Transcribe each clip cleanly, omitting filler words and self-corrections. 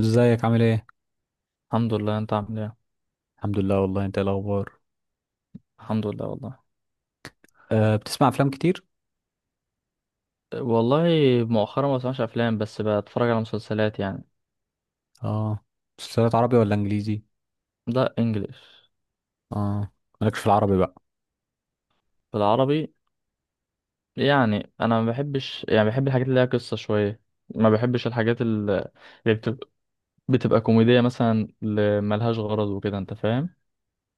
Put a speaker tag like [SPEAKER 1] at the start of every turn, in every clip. [SPEAKER 1] ازيك عامل ايه؟
[SPEAKER 2] الحمد لله، انت عامل ايه؟
[SPEAKER 1] الحمد لله والله، انت ايه الاخبار؟
[SPEAKER 2] الحمد لله والله
[SPEAKER 1] بتسمع افلام كتير؟
[SPEAKER 2] والله مؤخرا ما بسمعش افلام، بس بتفرج على مسلسلات يعني.
[SPEAKER 1] اه. مسلسلات عربي ولا انجليزي؟
[SPEAKER 2] ده انجليش.
[SPEAKER 1] اه. مالكش في العربي بقى؟
[SPEAKER 2] بالعربي يعني، انا ما بحبش، يعني بحب الحاجات اللي ليها قصة شوية. ما بحبش الحاجات اللي بتبقى كوميدية مثلا، اللي ملهاش غرض وكده، انت فاهم.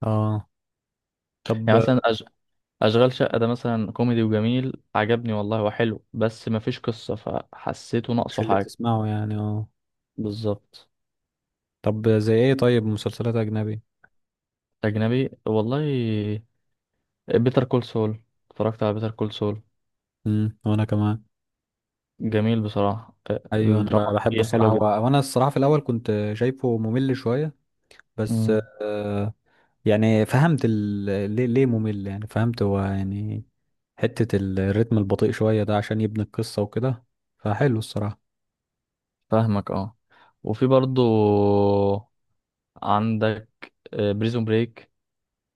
[SPEAKER 1] اه. طب،
[SPEAKER 2] يعني مثلا اشغال شقة ده مثلا كوميدي وجميل، عجبني والله وحلو، بس ما فيش قصة فحسيته
[SPEAKER 1] مش
[SPEAKER 2] ناقصه
[SPEAKER 1] اللي
[SPEAKER 2] حاجة.
[SPEAKER 1] تسمعه يعني اه.
[SPEAKER 2] بالظبط.
[SPEAKER 1] طب، زي ايه؟ طيب، مسلسلات اجنبي؟
[SPEAKER 2] اجنبي والله. بيتر كول سول. اتفرجت على بيتر كول سول،
[SPEAKER 1] وانا كمان.
[SPEAKER 2] جميل بصراحة.
[SPEAKER 1] ايوه، انا
[SPEAKER 2] الدراما
[SPEAKER 1] بحبه
[SPEAKER 2] فيه حلوة
[SPEAKER 1] الصراحه،
[SPEAKER 2] جدا.
[SPEAKER 1] وانا الصراحه في الاول كنت شايفه ممل شويه بس.
[SPEAKER 2] مم.
[SPEAKER 1] أه يعني فهمت ليه ممل، يعني فهمت هو يعني. حته الريتم البطيء شويه ده عشان يبني القصه وكده. فحلو الصراحه.
[SPEAKER 2] فاهمك، اه. وفي برضو عندك بريزون بريك،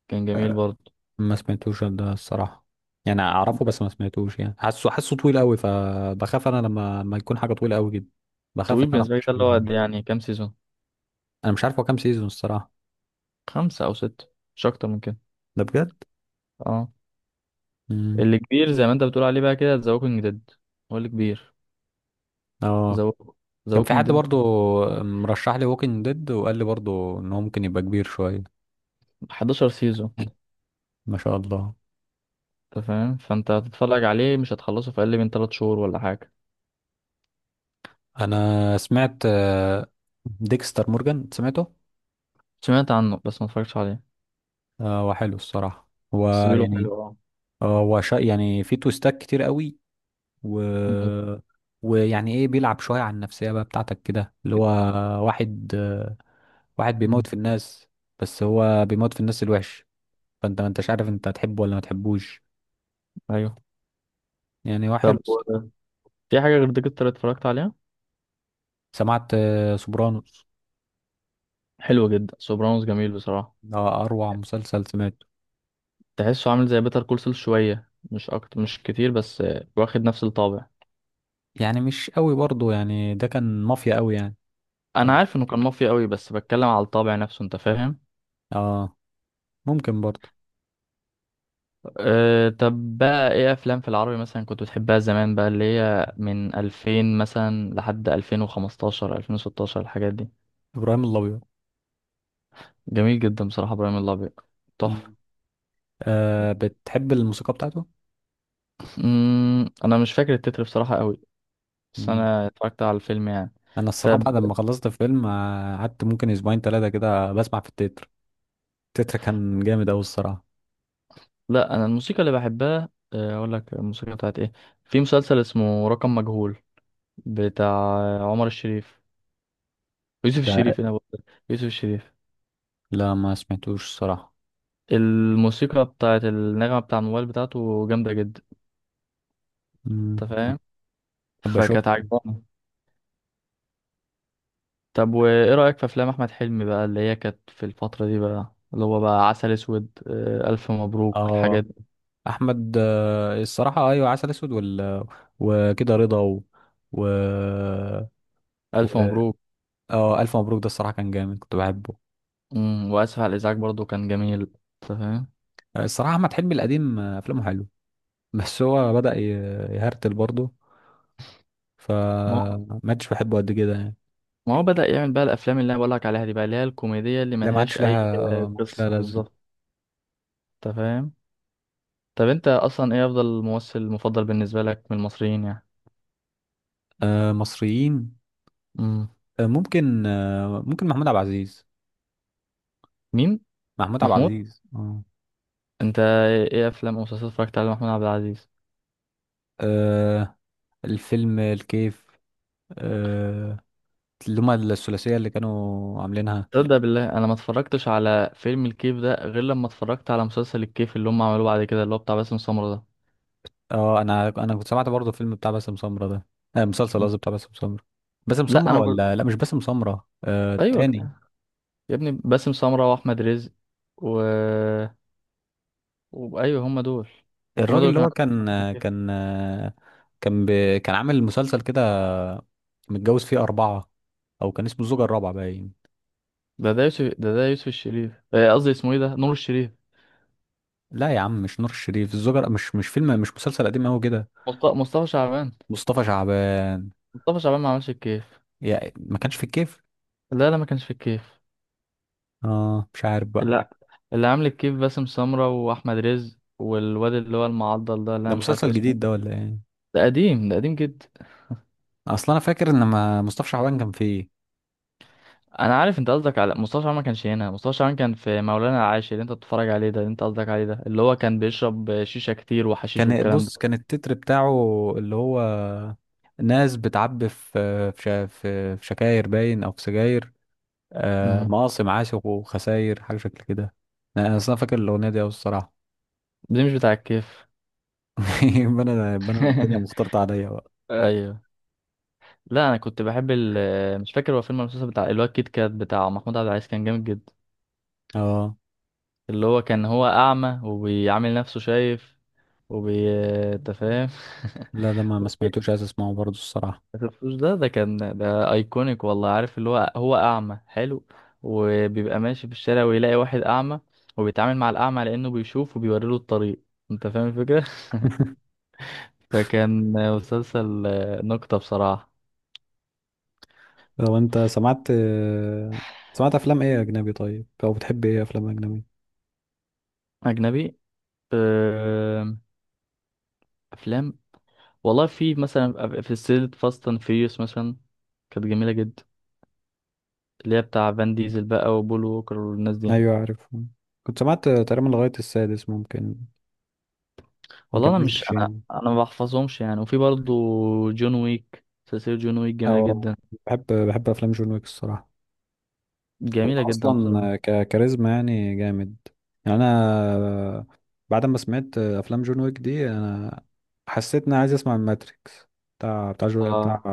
[SPEAKER 2] كان جميل برضو.
[SPEAKER 1] ما سمعتوش ده الصراحة. يعني اعرفه بس ما سمعتوش، يعني حاسه طويل قوي، فبخاف انا لما يكون حاجة طويلة قوي جدا. بخاف ان
[SPEAKER 2] طويل
[SPEAKER 1] انا
[SPEAKER 2] بالنسبة لي
[SPEAKER 1] اخش
[SPEAKER 2] ده؟ اللي
[SPEAKER 1] فيها
[SPEAKER 2] هو
[SPEAKER 1] يعني.
[SPEAKER 2] قد يعني كام سيزون؟
[SPEAKER 1] انا مش عارف هو كام سيزون الصراحة.
[SPEAKER 2] خمسة أو ستة، مش أكتر من كده.
[SPEAKER 1] ده بجد؟
[SPEAKER 2] اه.
[SPEAKER 1] امم.
[SPEAKER 2] اللي كبير زي ما أنت بتقول عليه بقى كده ذا ووكينج ديد، هو اللي كبير.
[SPEAKER 1] اه.
[SPEAKER 2] ذا ذا
[SPEAKER 1] كان في
[SPEAKER 2] ووكينج
[SPEAKER 1] حد
[SPEAKER 2] ديد.
[SPEAKER 1] برضو مرشح لي ووكينج ديد، وقال لي برضو ان هو ممكن يبقى كبير شوية.
[SPEAKER 2] 11 سيزون.
[SPEAKER 1] ما شاء الله.
[SPEAKER 2] أنت فاهم، فأنت هتتفرج عليه مش هتخلصه في أقل من 3 شهور ولا حاجة.
[SPEAKER 1] انا سمعت ديكستر مورجان، سمعته.
[SPEAKER 2] سمعت عنه بس ما اتفرجتش عليه.
[SPEAKER 1] هو حلو الصراحة. هو
[SPEAKER 2] بس بيقولوا
[SPEAKER 1] يعني،
[SPEAKER 2] حلو، اه.
[SPEAKER 1] هو يعني في تويستات كتير قوي. و...
[SPEAKER 2] مم.
[SPEAKER 1] ويعني ايه، بيلعب شوية على النفسية بقى بتاعتك كده، اللي هو واحد واحد بيموت
[SPEAKER 2] مم.
[SPEAKER 1] في الناس. بس هو بيموت في الناس الوحش، فانت ما انتش عارف، انت هتحبه ولا ما تحبوش.
[SPEAKER 2] أيوه.
[SPEAKER 1] يعني هو حلو
[SPEAKER 2] طب
[SPEAKER 1] الصراحة.
[SPEAKER 2] و- في حاجة غير ديكستر اتفرجت عليها؟
[SPEAKER 1] سمعت سوبرانوس.
[SPEAKER 2] حلو جدا سوبرانوس، جميل بصراحة.
[SPEAKER 1] ده اروع مسلسل سمعته.
[SPEAKER 2] تحسه عامل زي بيتر كول سول شوية، مش أكتر مش كتير، بس واخد نفس الطابع.
[SPEAKER 1] يعني مش قوي برضه، يعني ده كان مافيا قوي يعني. كان
[SPEAKER 2] أنا عارف إنه كان مافيا قوي، بس بتكلم على الطابع نفسه، أنت فاهم.
[SPEAKER 1] اه ممكن برضه.
[SPEAKER 2] أه، طب بقى إيه أفلام في العربي مثلا كنت بتحبها زمان بقى، اللي هي من 2000 مثلا لحد 2015، 2016، الحاجات دي.
[SPEAKER 1] ابراهيم الابيض.
[SPEAKER 2] جميل جدا بصراحة إبراهيم الأبيض،
[SPEAKER 1] مم.
[SPEAKER 2] تحفة.
[SPEAKER 1] بتحب الموسيقى بتاعته؟
[SPEAKER 2] أنا مش فاكر التتر بصراحة قوي، بس
[SPEAKER 1] مم.
[SPEAKER 2] أنا اتفرجت على الفيلم يعني.
[SPEAKER 1] انا الصراحه
[SPEAKER 2] طب،
[SPEAKER 1] بعد ما خلصت فيلم، قعدت ممكن اسبوعين ثلاثه كده بسمع في التتر. تتر كان جامد أوي الصراحة.
[SPEAKER 2] لا انا الموسيقى اللي بحبها، اقول لك الموسيقى بتاعت ايه، في مسلسل اسمه رقم مجهول، بتاع عمر الشريف، يوسف
[SPEAKER 1] ده.
[SPEAKER 2] الشريف انا بقول، يوسف الشريف.
[SPEAKER 1] لا، ما سمعتوش الصراحة.
[SPEAKER 2] الموسيقى بتاعت النغمة بتاع الموبايل بتاعته جامدة جدا،
[SPEAKER 1] مم.
[SPEAKER 2] انت فاهم،
[SPEAKER 1] أحب
[SPEAKER 2] فكانت
[SPEAKER 1] أشوف.
[SPEAKER 2] عجباني. طب وايه رأيك في افلام احمد حلمي بقى اللي هي كانت في الفترة دي بقى، اللي هو بقى عسل اسود، الف مبروك،
[SPEAKER 1] آه
[SPEAKER 2] الحاجات دي.
[SPEAKER 1] أحمد الصراحة، أيوة، عسل أسود وكده رضا و... و...
[SPEAKER 2] الف
[SPEAKER 1] و...
[SPEAKER 2] مبروك.
[SPEAKER 1] آه ألف مبروك ده الصراحة كان جامد، كنت بحبه.
[SPEAKER 2] واسف على الازعاج برضو، كان جميل، انت فاهم.
[SPEAKER 1] الصراحة أحمد حلمي القديم أفلامه حلو. بس هو بدأ يهرتل برضه، فما عادش بحبه قد كده يعني.
[SPEAKER 2] ما هو بدأ يعمل بقى الافلام اللي انا بقولك عليها دي بقى، اللي هي الكوميدية اللي
[SPEAKER 1] لا، ما
[SPEAKER 2] ملهاش
[SPEAKER 1] عادش
[SPEAKER 2] اي
[SPEAKER 1] لها، ما عادش لها
[SPEAKER 2] قصة بالظبط،
[SPEAKER 1] لازمة.
[SPEAKER 2] انت فاهم. طب انت اصلا ايه افضل ممثل مفضل بالنسبة لك من المصريين يعني؟
[SPEAKER 1] مصريين.
[SPEAKER 2] امم.
[SPEAKER 1] ممكن محمود عبد العزيز.
[SPEAKER 2] مين؟
[SPEAKER 1] محمود عبد
[SPEAKER 2] محمود؟
[SPEAKER 1] العزيز. اه.
[SPEAKER 2] انت ايه افلام او مسلسلات اتفرجت على محمود عبد العزيز؟
[SPEAKER 1] آه الفيلم الكيف. آه اللي هما الثلاثية اللي كانوا عاملينها.
[SPEAKER 2] تصدق بالله انا ما اتفرجتش على فيلم الكيف ده غير لما اتفرجت على مسلسل الكيف اللي هم عملوه بعد كده، اللي هو بتاع باسم سمرة ده.
[SPEAKER 1] اه، انا كنت سمعت برضه فيلم بتاع باسم سمرة ده. مسلسل
[SPEAKER 2] مم.
[SPEAKER 1] قصدي، بتاع باسم سمرة. باسم
[SPEAKER 2] لا
[SPEAKER 1] سمرة
[SPEAKER 2] انا بقول.
[SPEAKER 1] ولا، لا، مش باسم سمرة،
[SPEAKER 2] ايوه،
[SPEAKER 1] التاني.
[SPEAKER 2] يا ابني باسم سمرة واحمد رزق و... ايوه هم دول هم
[SPEAKER 1] الراجل
[SPEAKER 2] دول
[SPEAKER 1] اللي
[SPEAKER 2] كانوا
[SPEAKER 1] هو
[SPEAKER 2] عاملين مسلسل الكيف.
[SPEAKER 1] كان كان ب... كان عامل مسلسل كده، متجوز فيه أربعة، أو كان اسمه الزوجة الرابعة باين.
[SPEAKER 2] ده يوسف، ده يوسف الشريف، قصدي اسمه ايه ده، نور الشريف.
[SPEAKER 1] لا يا عم، مش نور الشريف، الزوجة، مش فيلم، مش مسلسل قديم أوي كده.
[SPEAKER 2] مصطفى شعبان؟
[SPEAKER 1] مصطفى شعبان.
[SPEAKER 2] مصطفى شعبان ما عملش الكيف.
[SPEAKER 1] يا، ما كانش في الكيف.
[SPEAKER 2] لا لا، ما كانش في الكيف.
[SPEAKER 1] اه، مش عارف بقى.
[SPEAKER 2] لا، اللي عامل الكيف باسم سمرة واحمد رزق والواد اللي هو المعضل ده اللي
[SPEAKER 1] ده
[SPEAKER 2] انا مش عارف
[SPEAKER 1] مسلسل
[SPEAKER 2] اسمه.
[SPEAKER 1] جديد ده ولا ايه؟
[SPEAKER 2] ده قديم، ده قديم جدا.
[SPEAKER 1] اصل انا فاكر ان ما مصطفى شعبان كان فيه.
[SPEAKER 2] انا عارف انت قصدك على مصطفى شعبان، ما كانش هنا. مصطفى شعبان كان في مولانا العاشر اللي انت بتتفرج عليه ده، اللي انت قصدك عليه ده، اللي هو كان بيشرب شيشة كتير وحشيش
[SPEAKER 1] كان
[SPEAKER 2] والكلام
[SPEAKER 1] بص
[SPEAKER 2] ده.
[SPEAKER 1] كان التتر بتاعه، اللي هو ناس بتعبي في شكاير باين، او في سجاير.
[SPEAKER 2] مم.
[SPEAKER 1] مقاصم عاشق وخساير، حاجه شكل كده. انا اصلا فاكر الاغنيه دي أوي الصراحه.
[SPEAKER 2] ده مش بتاع الكيف.
[SPEAKER 1] يبقى انا الدنيا مختلطه عليا بقى.
[SPEAKER 2] ايوه. لا انا كنت بحب ال، مش فاكر هو فيلم المسلسل بتاع الواد كيت كات بتاع محمود عبد العزيز، كان جامد جدا.
[SPEAKER 1] اه.
[SPEAKER 2] اللي هو كان هو اعمى وبيعامل نفسه شايف، وبي، أنت فاهم.
[SPEAKER 1] لا، ده ما سمعتوش، عايز اسمعه برضه الصراحه.
[SPEAKER 2] ما شفتوش ده كان، ده ايكونيك والله، عارف اللي هو، هو اعمى حلو وبيبقى ماشي في الشارع ويلاقي واحد اعمى، وبيتعامل مع الاعمى لانه بيشوف وبيوري له الطريق، انت فاهم الفكره. فكان مسلسل نكته بصراحه.
[SPEAKER 1] لو انت سمعت افلام ايه اجنبي؟ طيب، او بتحب ايه افلام اجنبي؟
[SPEAKER 2] اجنبي. أم، افلام والله، في مثلا في سلسلة فاست اند فيوريوس مثلا، كانت جميلة جدا، اللي هي بتاع فان ديزل بقى وبول ووكر والناس دي.
[SPEAKER 1] ايوه، عارف. كنت سمعت تقريبا لغاية السادس ممكن، ما
[SPEAKER 2] والله انا مش،
[SPEAKER 1] كملتش
[SPEAKER 2] انا
[SPEAKER 1] يعني.
[SPEAKER 2] انا ما بحفظهمش يعني. وفي برضو جون ويك، سلسلة جون ويك جميلة
[SPEAKER 1] او،
[SPEAKER 2] جدا.
[SPEAKER 1] بحب افلام جون ويك الصراحة. هو
[SPEAKER 2] جميلة جدا بصراحة.
[SPEAKER 1] اصلا كاريزما يعني جامد. يعني انا بعد ما سمعت افلام جون ويك دي، انا حسيت اني عايز اسمع الماتريكس، بتاع جو بتاع
[SPEAKER 2] اه.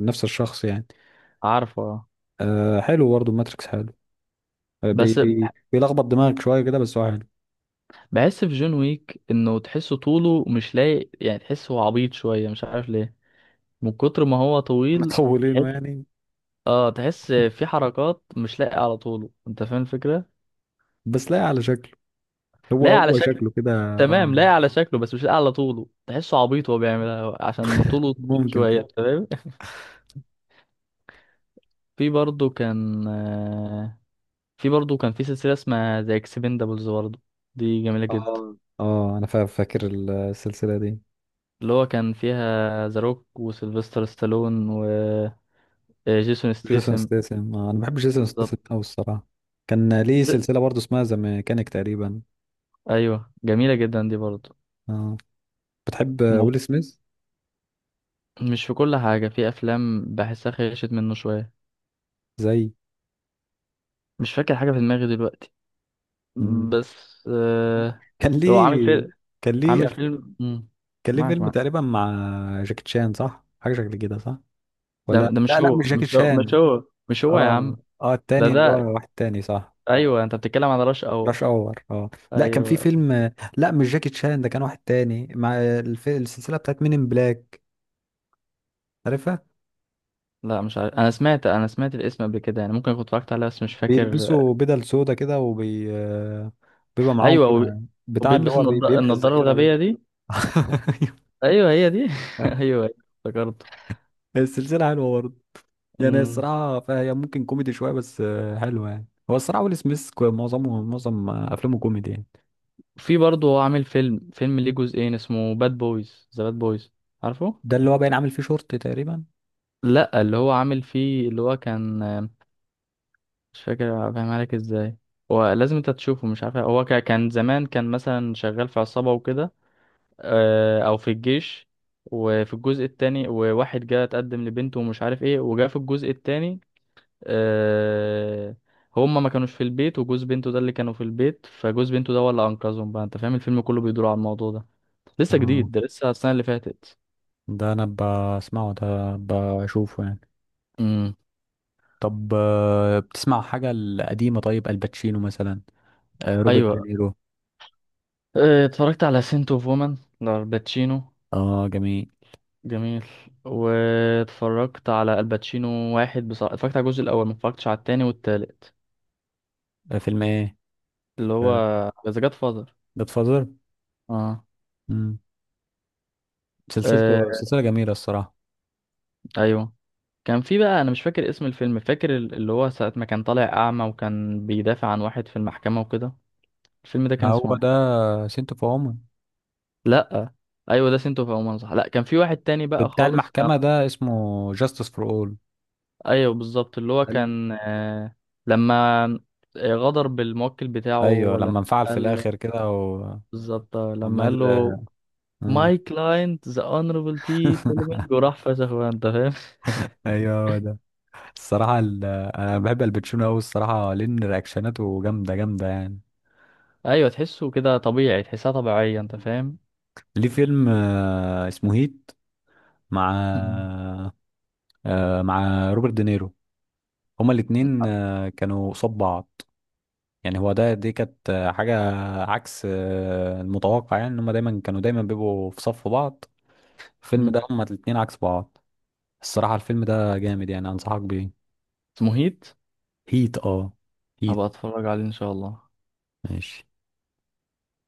[SPEAKER 1] نفس الشخص يعني.
[SPEAKER 2] عارفه، آه.
[SPEAKER 1] حلو برضه الماتريكس حلو، بي
[SPEAKER 2] بس
[SPEAKER 1] بي بيلخبط دماغك شوية كده، بس هو حلو.
[SPEAKER 2] بحس في جون ويك انه تحسه طوله مش لايق، يعني تحسه عبيط شوية، مش عارف ليه، من كتر ما هو طويل.
[SPEAKER 1] مطولينه
[SPEAKER 2] تحس،
[SPEAKER 1] يعني.
[SPEAKER 2] اه تحس في حركات مش لايقة على طوله، انت فاهم الفكرة؟
[SPEAKER 1] بس لا، على شكله، هو
[SPEAKER 2] لا على،
[SPEAKER 1] هو شكله كده.
[SPEAKER 2] تمام،
[SPEAKER 1] اه،
[SPEAKER 2] لايق على شكله بس مش لايق على طوله، تحسه عبيط وهو بيعملها عشان طوله طويل
[SPEAKER 1] ممكن.
[SPEAKER 2] شوية، تمام. في برضه كان في برضه كان في سلسلة اسمها ذا اكسبندابلز برضه، دي جميلة جدا،
[SPEAKER 1] اه، اه، انا فاكر السلسله دي.
[SPEAKER 2] اللي هو كان فيها ذا روك وسيلفستر ستالون وجيسون
[SPEAKER 1] جيسون
[SPEAKER 2] ستيسن.
[SPEAKER 1] ستاثام، انا بحب جيسون ستاثام
[SPEAKER 2] بالظبط.
[SPEAKER 1] قوي الصراحه. كان ليه سلسله برضه اسمها ذا ميكانيك تقريبا.
[SPEAKER 2] ايوه جميلة جدا دي برضه.
[SPEAKER 1] اه، بتحب
[SPEAKER 2] م-
[SPEAKER 1] ويل سميث؟
[SPEAKER 2] مش في كل حاجة، في افلام بحسها خيشت منه شوية.
[SPEAKER 1] زي.
[SPEAKER 2] مش فاكر حاجة في دماغي دلوقتي،
[SPEAKER 1] مم.
[SPEAKER 2] بس آه،
[SPEAKER 1] كان
[SPEAKER 2] هو عامل
[SPEAKER 1] ليه
[SPEAKER 2] فيلم،
[SPEAKER 1] كان ليه أف-
[SPEAKER 2] مم.
[SPEAKER 1] كان ليه
[SPEAKER 2] معك،
[SPEAKER 1] فيلم
[SPEAKER 2] معك.
[SPEAKER 1] تقريبا مع جاكي تشان، صح؟ حاجه شكل كده، صح؟
[SPEAKER 2] ده
[SPEAKER 1] ولا،
[SPEAKER 2] ده
[SPEAKER 1] لا،
[SPEAKER 2] مش
[SPEAKER 1] لا،
[SPEAKER 2] هو
[SPEAKER 1] مش جاكي
[SPEAKER 2] مش هو مش
[SPEAKER 1] تشان.
[SPEAKER 2] هو مش هو يا
[SPEAKER 1] اه،
[SPEAKER 2] عم.
[SPEAKER 1] اه،
[SPEAKER 2] ده
[SPEAKER 1] التاني، اللي
[SPEAKER 2] ده
[SPEAKER 1] هو واحد تاني، صح؟
[SPEAKER 2] ايوه، انت بتتكلم على راش اور.
[SPEAKER 1] راش اور. اه. لا، كان في
[SPEAKER 2] ايوه.
[SPEAKER 1] فيلم، لا مش جاكي تشان، ده كان واحد تاني، مع السلسله بتاعت مين، ان بلاك. عارفها؟
[SPEAKER 2] لا مش عارف، انا سمعت، انا سمعت الاسم قبل كده يعني، ممكن كنت اتفرجت عليه بس مش فاكر.
[SPEAKER 1] بيلبسوا بدل سودا كده، وبي آه، بيبقى معاهم
[SPEAKER 2] ايوه
[SPEAKER 1] بتاع اللي
[SPEAKER 2] وبيلبس
[SPEAKER 1] هو بيمحي
[SPEAKER 2] النضاره
[SPEAKER 1] الذاكرة ده.
[SPEAKER 2] الغبيه دي. ايوه هي دي ايوه، افتكرته.
[SPEAKER 1] السلسلة حلوة برضه. يعني
[SPEAKER 2] مم.
[SPEAKER 1] الصراحة، فهي ممكن كوميدي شوية، بس حلوة يعني، هو الصراحة ويل سميث معظم أفلامه كوميدي يعني.
[SPEAKER 2] في برضه هو عامل فيلم، فيلم ليه جزئين اسمه باد بويز، ذا باد بويز، عارفه.
[SPEAKER 1] ده اللي هو باين عامل فيه شورت تقريبا.
[SPEAKER 2] لا، اللي هو عامل فيه، اللي هو كان، مش فاكر افهمها لك ازاي، هو لازم انت تشوفه، مش عارف. هو كان زمان، كان مثلا شغال في عصابة وكده، او في الجيش. وفي الجزء التاني، وواحد جه اتقدم لبنته ومش عارف ايه، وجاء في الجزء التاني آه، هما ما كانوش في البيت، وجوز بنته ده اللي كانوا في البيت، فجوز بنته ده هو اللي انقذهم بقى، انت فاهم، الفيلم كله بيدور على الموضوع ده. لسه
[SPEAKER 1] اه،
[SPEAKER 2] جديد ده، لسه السنة اللي فاتت.
[SPEAKER 1] ده أنا بسمعه ده، بشوفه يعني.
[SPEAKER 2] امم.
[SPEAKER 1] طب، بتسمع حاجة القديمة؟ طيب، الباتشينو مثلا، روبرت
[SPEAKER 2] ايوه،
[SPEAKER 1] دينيرو.
[SPEAKER 2] اتفرجت على سنت اوف وومن لالباتشينو.
[SPEAKER 1] اه، جميل.
[SPEAKER 2] جميل. واتفرجت على الباتشينو واحد بصراحة، اتفرجت على الجزء الأول، ما اتفرجتش على التاني والتالت.
[SPEAKER 1] فيلم ايه؟
[SPEAKER 2] اللي هو ذا جاد فاذر.
[SPEAKER 1] جاد فازر.
[SPEAKER 2] اه.
[SPEAKER 1] سلسلته،
[SPEAKER 2] آه،
[SPEAKER 1] سلسلة جميلة الصراحة.
[SPEAKER 2] أيوه. كان في بقى أنا مش فاكر اسم الفيلم، فاكر اللي هو ساعة ما كان طالع أعمى وكان بيدافع عن واحد في المحكمة وكده، الفيلم ده
[SPEAKER 1] ما
[SPEAKER 2] كان اسمه
[SPEAKER 1] هو ده
[SPEAKER 2] ايه؟
[SPEAKER 1] سنت اوف وومن.
[SPEAKER 2] لأ. أيوه ده سنتو في عمان صح؟ لأ، كان في واحد تاني بقى
[SPEAKER 1] بتاع
[SPEAKER 2] خالص كان.
[SPEAKER 1] المحكمة ده اسمه جاستس فور اول.
[SPEAKER 2] أيوه بالظبط، اللي هو كان آه... لما غدر بالموكل
[SPEAKER 1] ايوه،
[SPEAKER 2] بتاعه،
[SPEAKER 1] لما
[SPEAKER 2] لما
[SPEAKER 1] انفعل في
[SPEAKER 2] قال،
[SPEAKER 1] الاخر كده،
[SPEAKER 2] بالظبط، لما
[SPEAKER 1] وعمال.
[SPEAKER 2] قال له
[SPEAKER 1] مم.
[SPEAKER 2] ماي كلاينت ذا اونربل تي فيلمينج وراح فشخ بقى، انت فاهم.
[SPEAKER 1] ايوه، هو ده. الصراحة، انا بحب الباتشينو قوي الصراحة لان رياكشناته جامدة جامدة يعني.
[SPEAKER 2] ايوه تحسه كده طبيعي، تحسها طبيعيه، انت فاهم.
[SPEAKER 1] ليه فيلم اسمه هيت، مع،
[SPEAKER 2] مم.
[SPEAKER 1] مع روبرت دينيرو. هما الاتنين كانوا قصاد بعض، يعني هو ده، دي كانت حاجة عكس المتوقع، يعني ان هما دايما كانوا دايما بيبقوا في صف بعض. الفيلم ده
[SPEAKER 2] مم.
[SPEAKER 1] هما الاتنين عكس بعض. الصراحة، الفيلم ده جامد يعني، انصحك بيه.
[SPEAKER 2] مهيت؟
[SPEAKER 1] هيت. اه، هيت.
[SPEAKER 2] هبقى اتفرج عليه ان شاء الله.
[SPEAKER 1] ماشي.